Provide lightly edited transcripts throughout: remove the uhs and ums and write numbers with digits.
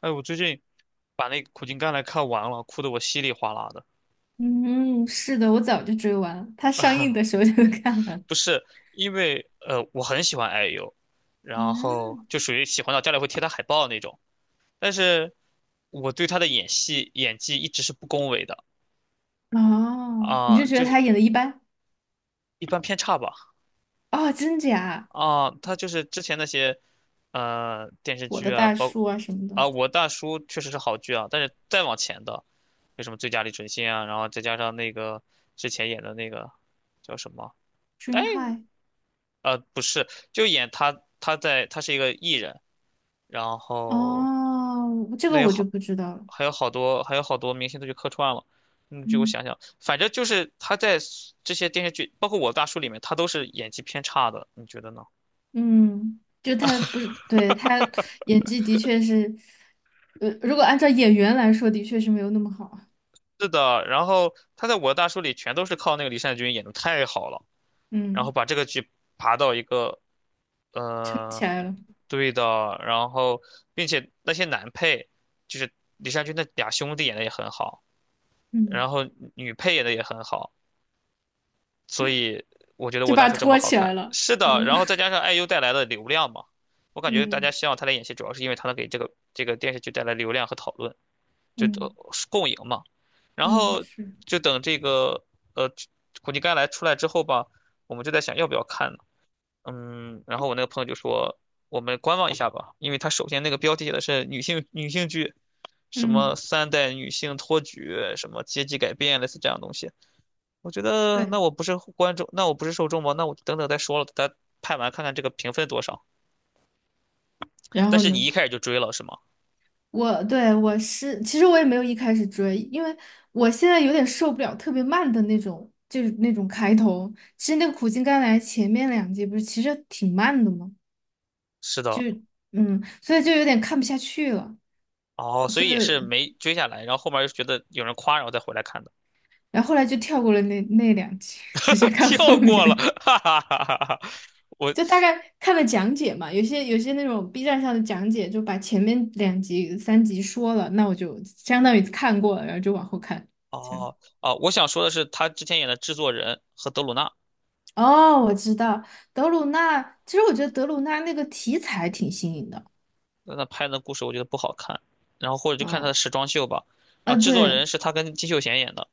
哎，我最近把那个《苦尽甘来》看完了，哭得我稀里哗啦的。嗯，是的，我早就追完了，他上映的时 候就 看完了。不是因为我很喜欢 IU，然后嗯，就属于喜欢到家里会贴他海报那种。但是我对他的演戏演技一直是不恭维的。哦，你是觉就得是他演的一般？一般偏差吧。哦，真假？他就是之前那些电视我的剧啊，大叔啊什么的啊，我大叔确实是好剧啊，但是再往前的，为什么最佳李淳信啊，然后再加上那个之前演的那个叫什么？哎，，Dream High。不是，就演他，他在，他是一个艺人，然后哦，这那个有我就好，不知道了。还有好多，还有好多明星都去客串了。嗯，就我嗯想想，反正就是他在 这些电视剧，包括《我的大叔》里面，他都是演技偏差的，你觉得呢？嗯，就他不是，对，他演技的确是，如果按照演员来说，的确是没有那么好。是的，然后他在《我的大叔》里全都是靠那个李善均演的太好了，然后嗯，把这个剧爬到一个，撑呃，起来了，对的，然后并且那些男配，就是李善均那俩兄弟演的也很好。嗯，然后女配演的也很好，所以我觉得就我大把叔这么拖好起来看。了。是的，嗯 然后再 加上 IU 带来的流量嘛，我感觉大家嗯希望他来演戏，主要是因为他能给这个电视剧带来流量和讨论，就嗯共赢嘛。然嗯，后是，就等这个呃苦尽甘来出来之后吧，我们就在想要不要看呢？嗯，然后我那个朋友就说我们观望一下吧，因为他首先那个标题写的是女性剧，什么嗯。三代女性托举，什么阶级改变，类似这样的东西。我觉得对。那我不是观众，那我不是受众吗？那我等等再说了，咱拍完看看这个评分多少。然但后是你呢？一开始就追了是吗？我是，其实我也没有一开始追，因为我现在有点受不了特别慢的那种，就是那种开头。其实那个苦尽甘来前面两集不是其实挺慢的嘛，是的。嗯，所以就有点看不下去了，哦，所所以也是以没追下来，然后后面又觉得有人夸，然后再回来看的。然后后来就跳过了那两集，直接 看后跳过了，面，哈哈哈哈哈。我 就大概看了讲解嘛，有些那种 B 站上的讲解就把前面两集三集说了，那我就相当于看过了，然后就往后看，这样。哦哦，我想说的是，他之前演的制作人和德鲁纳，哦，我知道德鲁纳。其实我觉得德鲁纳那个题材挺新颖的。那拍的故事我觉得不好看，然后或者就看他的嗯，时装秀吧。然啊，后制作对，人是他跟金秀贤演的。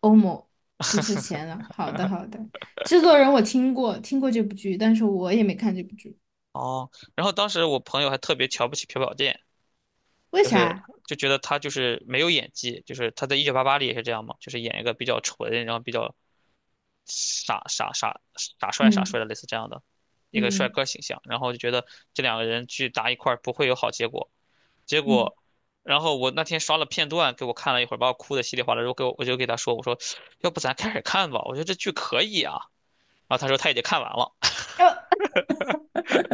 欧某金秀贤了。好的，好的。制作人我听过，听过这部剧，但是我也没看这部剧。哦，然后当时我朋友还特别瞧不起朴宝剑。为就是啥？就觉得他就是没有演技，就是他在《1988》里也是这样嘛，就是演一个比较纯，然后比较傻傻傻傻帅傻嗯帅的类似这样的一个帅嗯哥形象，然后就觉得这两个人去搭一块儿不会有好结果，结嗯，果。然后我那天刷了片段，给我看了一会儿，把我哭的稀里哗啦。然后给我，我就给他说，我说，要不咱开始看吧？我觉得这剧可以啊。然后他说他已经看完了。呃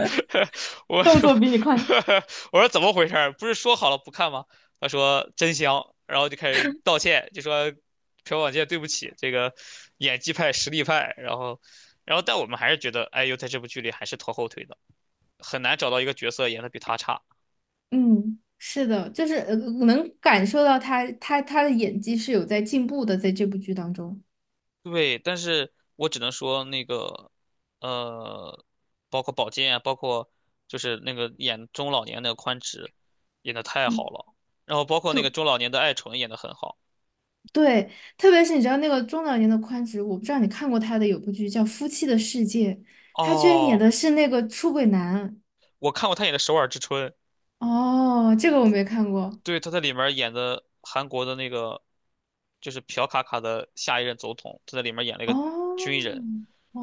我动说 作比你快。我说怎么回事儿？不是说好了不看吗？他说真香，然后就开始道歉，就说朴宝剑对不起，这个演技派、实力派，然后但我们还是觉得 IU 在这部剧里还是拖后腿的，很难找到一个角色演的比他差。嗯，是的，就是能感受到他的演技是有在进步的，在这部剧当中。对，但是我只能说那个呃，包括宝剑啊，包括就是那个演中老年那个宽直，演的太好嗯，了，然后包括那个对，中老年的爱纯演的很好。对，特别是你知道那个中老年的宽直，我不知道你看过他的有部剧叫《夫妻的世界》，他居然演哦，的是那个出轨男。我看过他演的《首尔之春》。哦，这个我没看过。对，他在里面演的韩国的那个就是朴卡卡的下一任总统，他在里面演了一哦，个军人，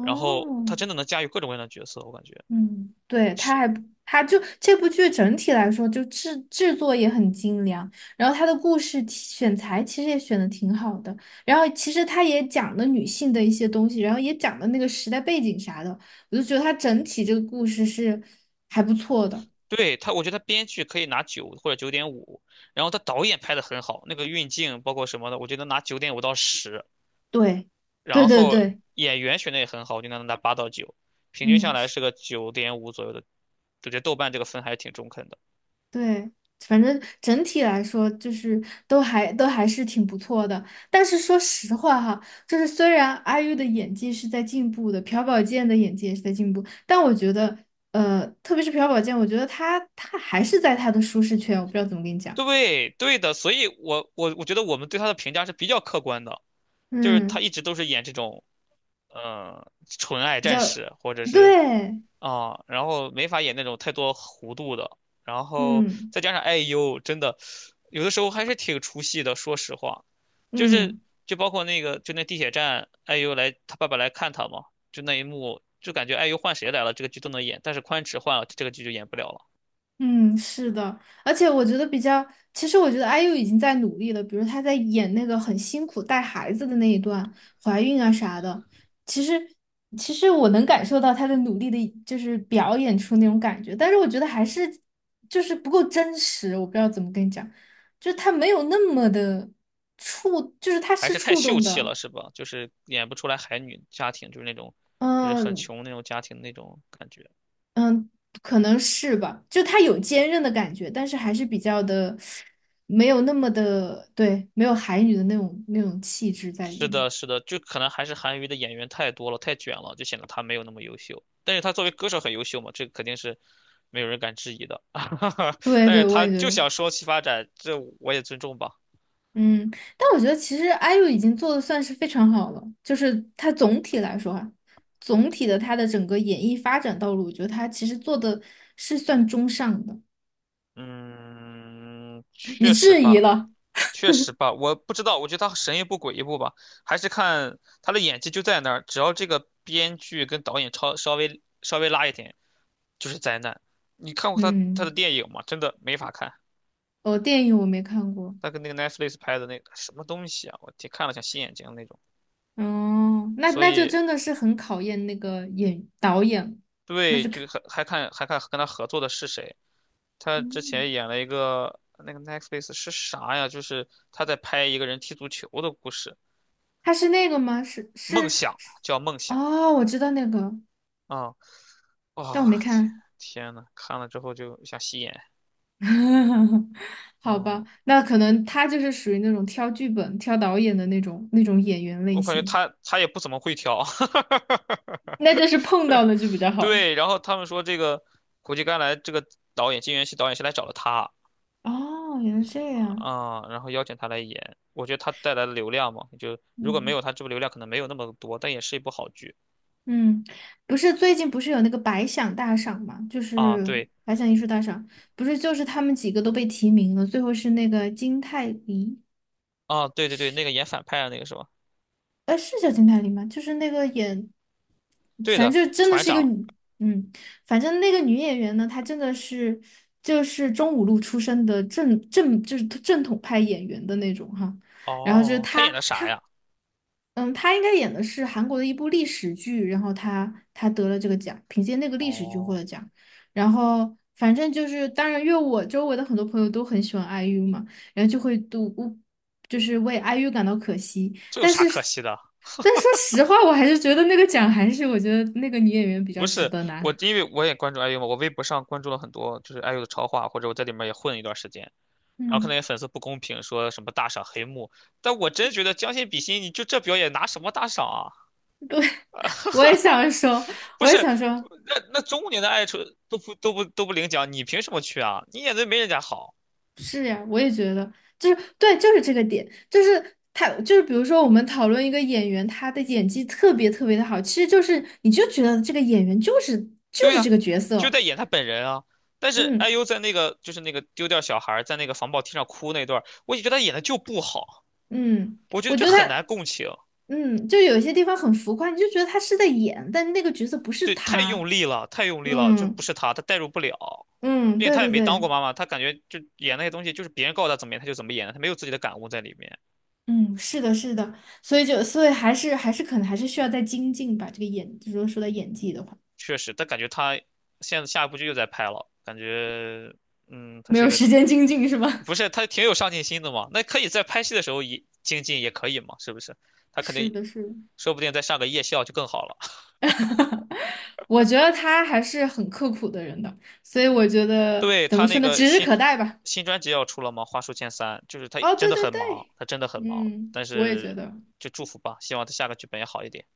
然后他真的能驾驭各种各样的角色，我感觉嗯，对，他是。还他就这部剧整体来说就制作也很精良，然后他的故事题选材其实也选的挺好的，然后其实他也讲了女性的一些东西，然后也讲了那个时代背景啥的，我就觉得他整体这个故事是还不错的。对，他，我觉得他编剧可以拿九或者九点五，然后他导演拍的很好，那个运镜包括什么的，我觉得拿九点五到10，对，对然对后对，演员选的也很好，我就能拿八到九，平均下嗯，来是个九点五左右的，我觉得豆瓣这个分还是挺中肯的。对，反正整体来说就是都还是挺不错的。但是说实话哈，就是虽然阿 u 的演技是在进步的，朴宝剑的演技也是在进步，但我觉得，特别是朴宝剑，我觉得他还是在他的舒适圈，我不知道怎么跟你讲。对对的，所以我觉得我们对他的评价是比较客观的，就是他嗯，一直都是演这种，纯爱战士或者是。对，然后没法演那种太多弧度的，然后嗯再加上 IU，真的有的时候还是挺出戏的，说实话，就是嗯。就包括那个就那地铁站，IU 来他爸爸来看他嘛，就那一幕，就感觉 IU 换谁来了，这个剧都能演，但是宽尺换了，这个剧就演不了了。嗯，是的，而且我觉得比较，其实我觉得 IU 已经在努力了，比如她在演那个很辛苦带孩子的那一段，怀孕啊啥的，其实其实我能感受到她的努力的，就是表演出那种感觉，但是我觉得还是就是不够真实，我不知道怎么跟你讲，就是她没有那么的触，就是她还是是太触秀动气的，了，是吧？就是演不出来海女家庭，就是那种，就是很嗯，穷那种家庭那种感觉。嗯，可能是吧，就它有坚韧的感觉，但是还是比较的，没有那么的，对，没有海女的那种气质在里是面。的，是的，就可能还是韩娱的演员太多了，太卷了，就显得他没有那么优秀。但是他作为歌手很优秀嘛，这肯定是没有人敢质疑的。对但是对，我他也觉就得，想说栖发展，这我也尊重吧。嗯，但我觉得其实 IU 已经做的算是非常好了，就是它总体来说啊，总体的它的整个演艺发展道路，我觉得它其实做的是算中上的。嗯，你确实质疑吧，了，确实吧，我不知道，我觉得他神一步鬼一步吧，还是看他的演技就在那儿，只要这个编剧跟导演超稍微稍微拉一点，就是灾难。你看过他的嗯，电影吗？真的没法看，哦，电影我没看过，他跟那个 Netflix 拍的那个什么东西啊，我天，看了想吸眼睛那种。哦，那所那就以真的是很考验那个演导演了对，就还看跟他合作的是谁？他之前嗯，演了一个那个 Netflix 是啥呀？就是他在拍一个人踢足球的故事。他是那个吗？是梦是想是，叫梦想哦，我知道那个，啊！但我没哇，看。天呐，看了之后就想吸眼。好嗯，吧，那可能他就是属于那种挑剧本、挑导演的那种演员类我感觉型，他也不怎么会挑。那这是碰到了就比较好。对，然后他们说这个苦尽甘来这个导演金元熙导演是来找了他。哦，原来是这样。然后邀请他来演。我觉得他带来的流量嘛，就如果没嗯有他，这部流量可能没有那么多，但也是一部好剧嗯，不是最近不是有那个百想大赏嘛，就啊。是对百想艺术大赏，不是就是他们几个都被提名了，最后是那个金泰梨。啊，对对对，那个演反派的那个是吧？哎，是叫金泰梨吗？就是那个演，对反的，正就真的船是一个长。女，嗯，反正那个女演员呢，她真的是就是中五路出身的正就是正统派演员的那种哈。然后就是哦，他她演的啥她，呀？嗯，她应该演的是韩国的一部历史剧，然后她得了这个奖，凭借那个历史剧获哦，了奖。然后反正就是，当然，因为我周围的很多朋友都很喜欢 IU 嘛，然后就会都就是为 IU 感到可惜。这有但啥是，可惜的？但说实话，我还是觉得那个奖还是我觉得那个女演员比不较值是得我，拿。因为我也关注 IU 嘛，我微博上关注了很多就是 IU 的超话，或者我在里面也混了一段时间，然后看到嗯，些粉丝不公平，说什么大赏黑幕，但我真觉得将心比心，你就这表演拿什么大赏啊？我也想说，不我也是，想说，那那中年的爱出都不领奖，你凭什么去啊？你演的没人家好，是呀，我也觉得，就是对，就是这个点，就是他，就是比如说我们讨论一个演员，他的演技特别特别的好，其实就是你就觉得这个演员就是就对是这呀、个角就在色，演他本人啊。但是 嗯 IU 在那个就是那个丢掉小孩儿在那个防爆梯上哭那段儿我也觉得他演的就不好，嗯，我觉得我就觉得很难他，共情。嗯，就有些地方很浮夸，你就觉得他是在演，但那个角色不是对，太用他，力了，太用力了，就不嗯是他，他代入不了，嗯，并且对他也对没当过对。妈妈，他感觉就演那些东西，就是别人告诉他怎么演，他就怎么演，他没有自己的感悟在里面。嗯，是的，是的，所以就所以还是可能还是需要再精进吧。这个演，就果说到演技的话，确实，但感觉他现在下一部剧又在拍了，感觉，嗯，他没是一有个，时间精进是吧？不是他挺有上进心的嘛？那可以在拍戏的时候也精进，也可以嘛？是不是？他肯是定，的，是的。说不定再上个夜校就更好了。我觉得他还是很刻苦的人的，所以我觉得对，怎他么那说呢，个指日新可待吧。新专辑要出了吗？花书千三，就是他哦，真对的对很忙，对，他真的很忙，嗯，但我也觉是得，就祝福吧，希望他下个剧本也好一点。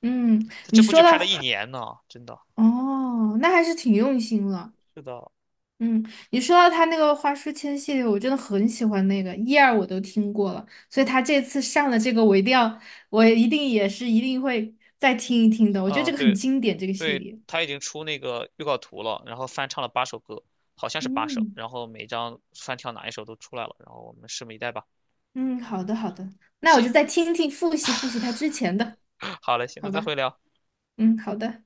嗯，他这你部说剧拍了一到，年呢，真的。哦，那还是挺用心了。是的，嗯，你说到他那个花书签系列，我真的很喜欢那个一二我都听过了，所以他这次上的这个我一定要，我一定也是一定会再听一听的。我觉得嗯，这个很对经典，这个系对，列。他已经出那个预告图了，然后翻唱了八首歌，好像是八首，嗯然后每张翻跳哪一首都出来了，然后我们拭目以待吧。嗯，好的好的，那我就行，再 听听复习复习他之前的，好嘞，行，那好再吧？会聊。嗯，好的。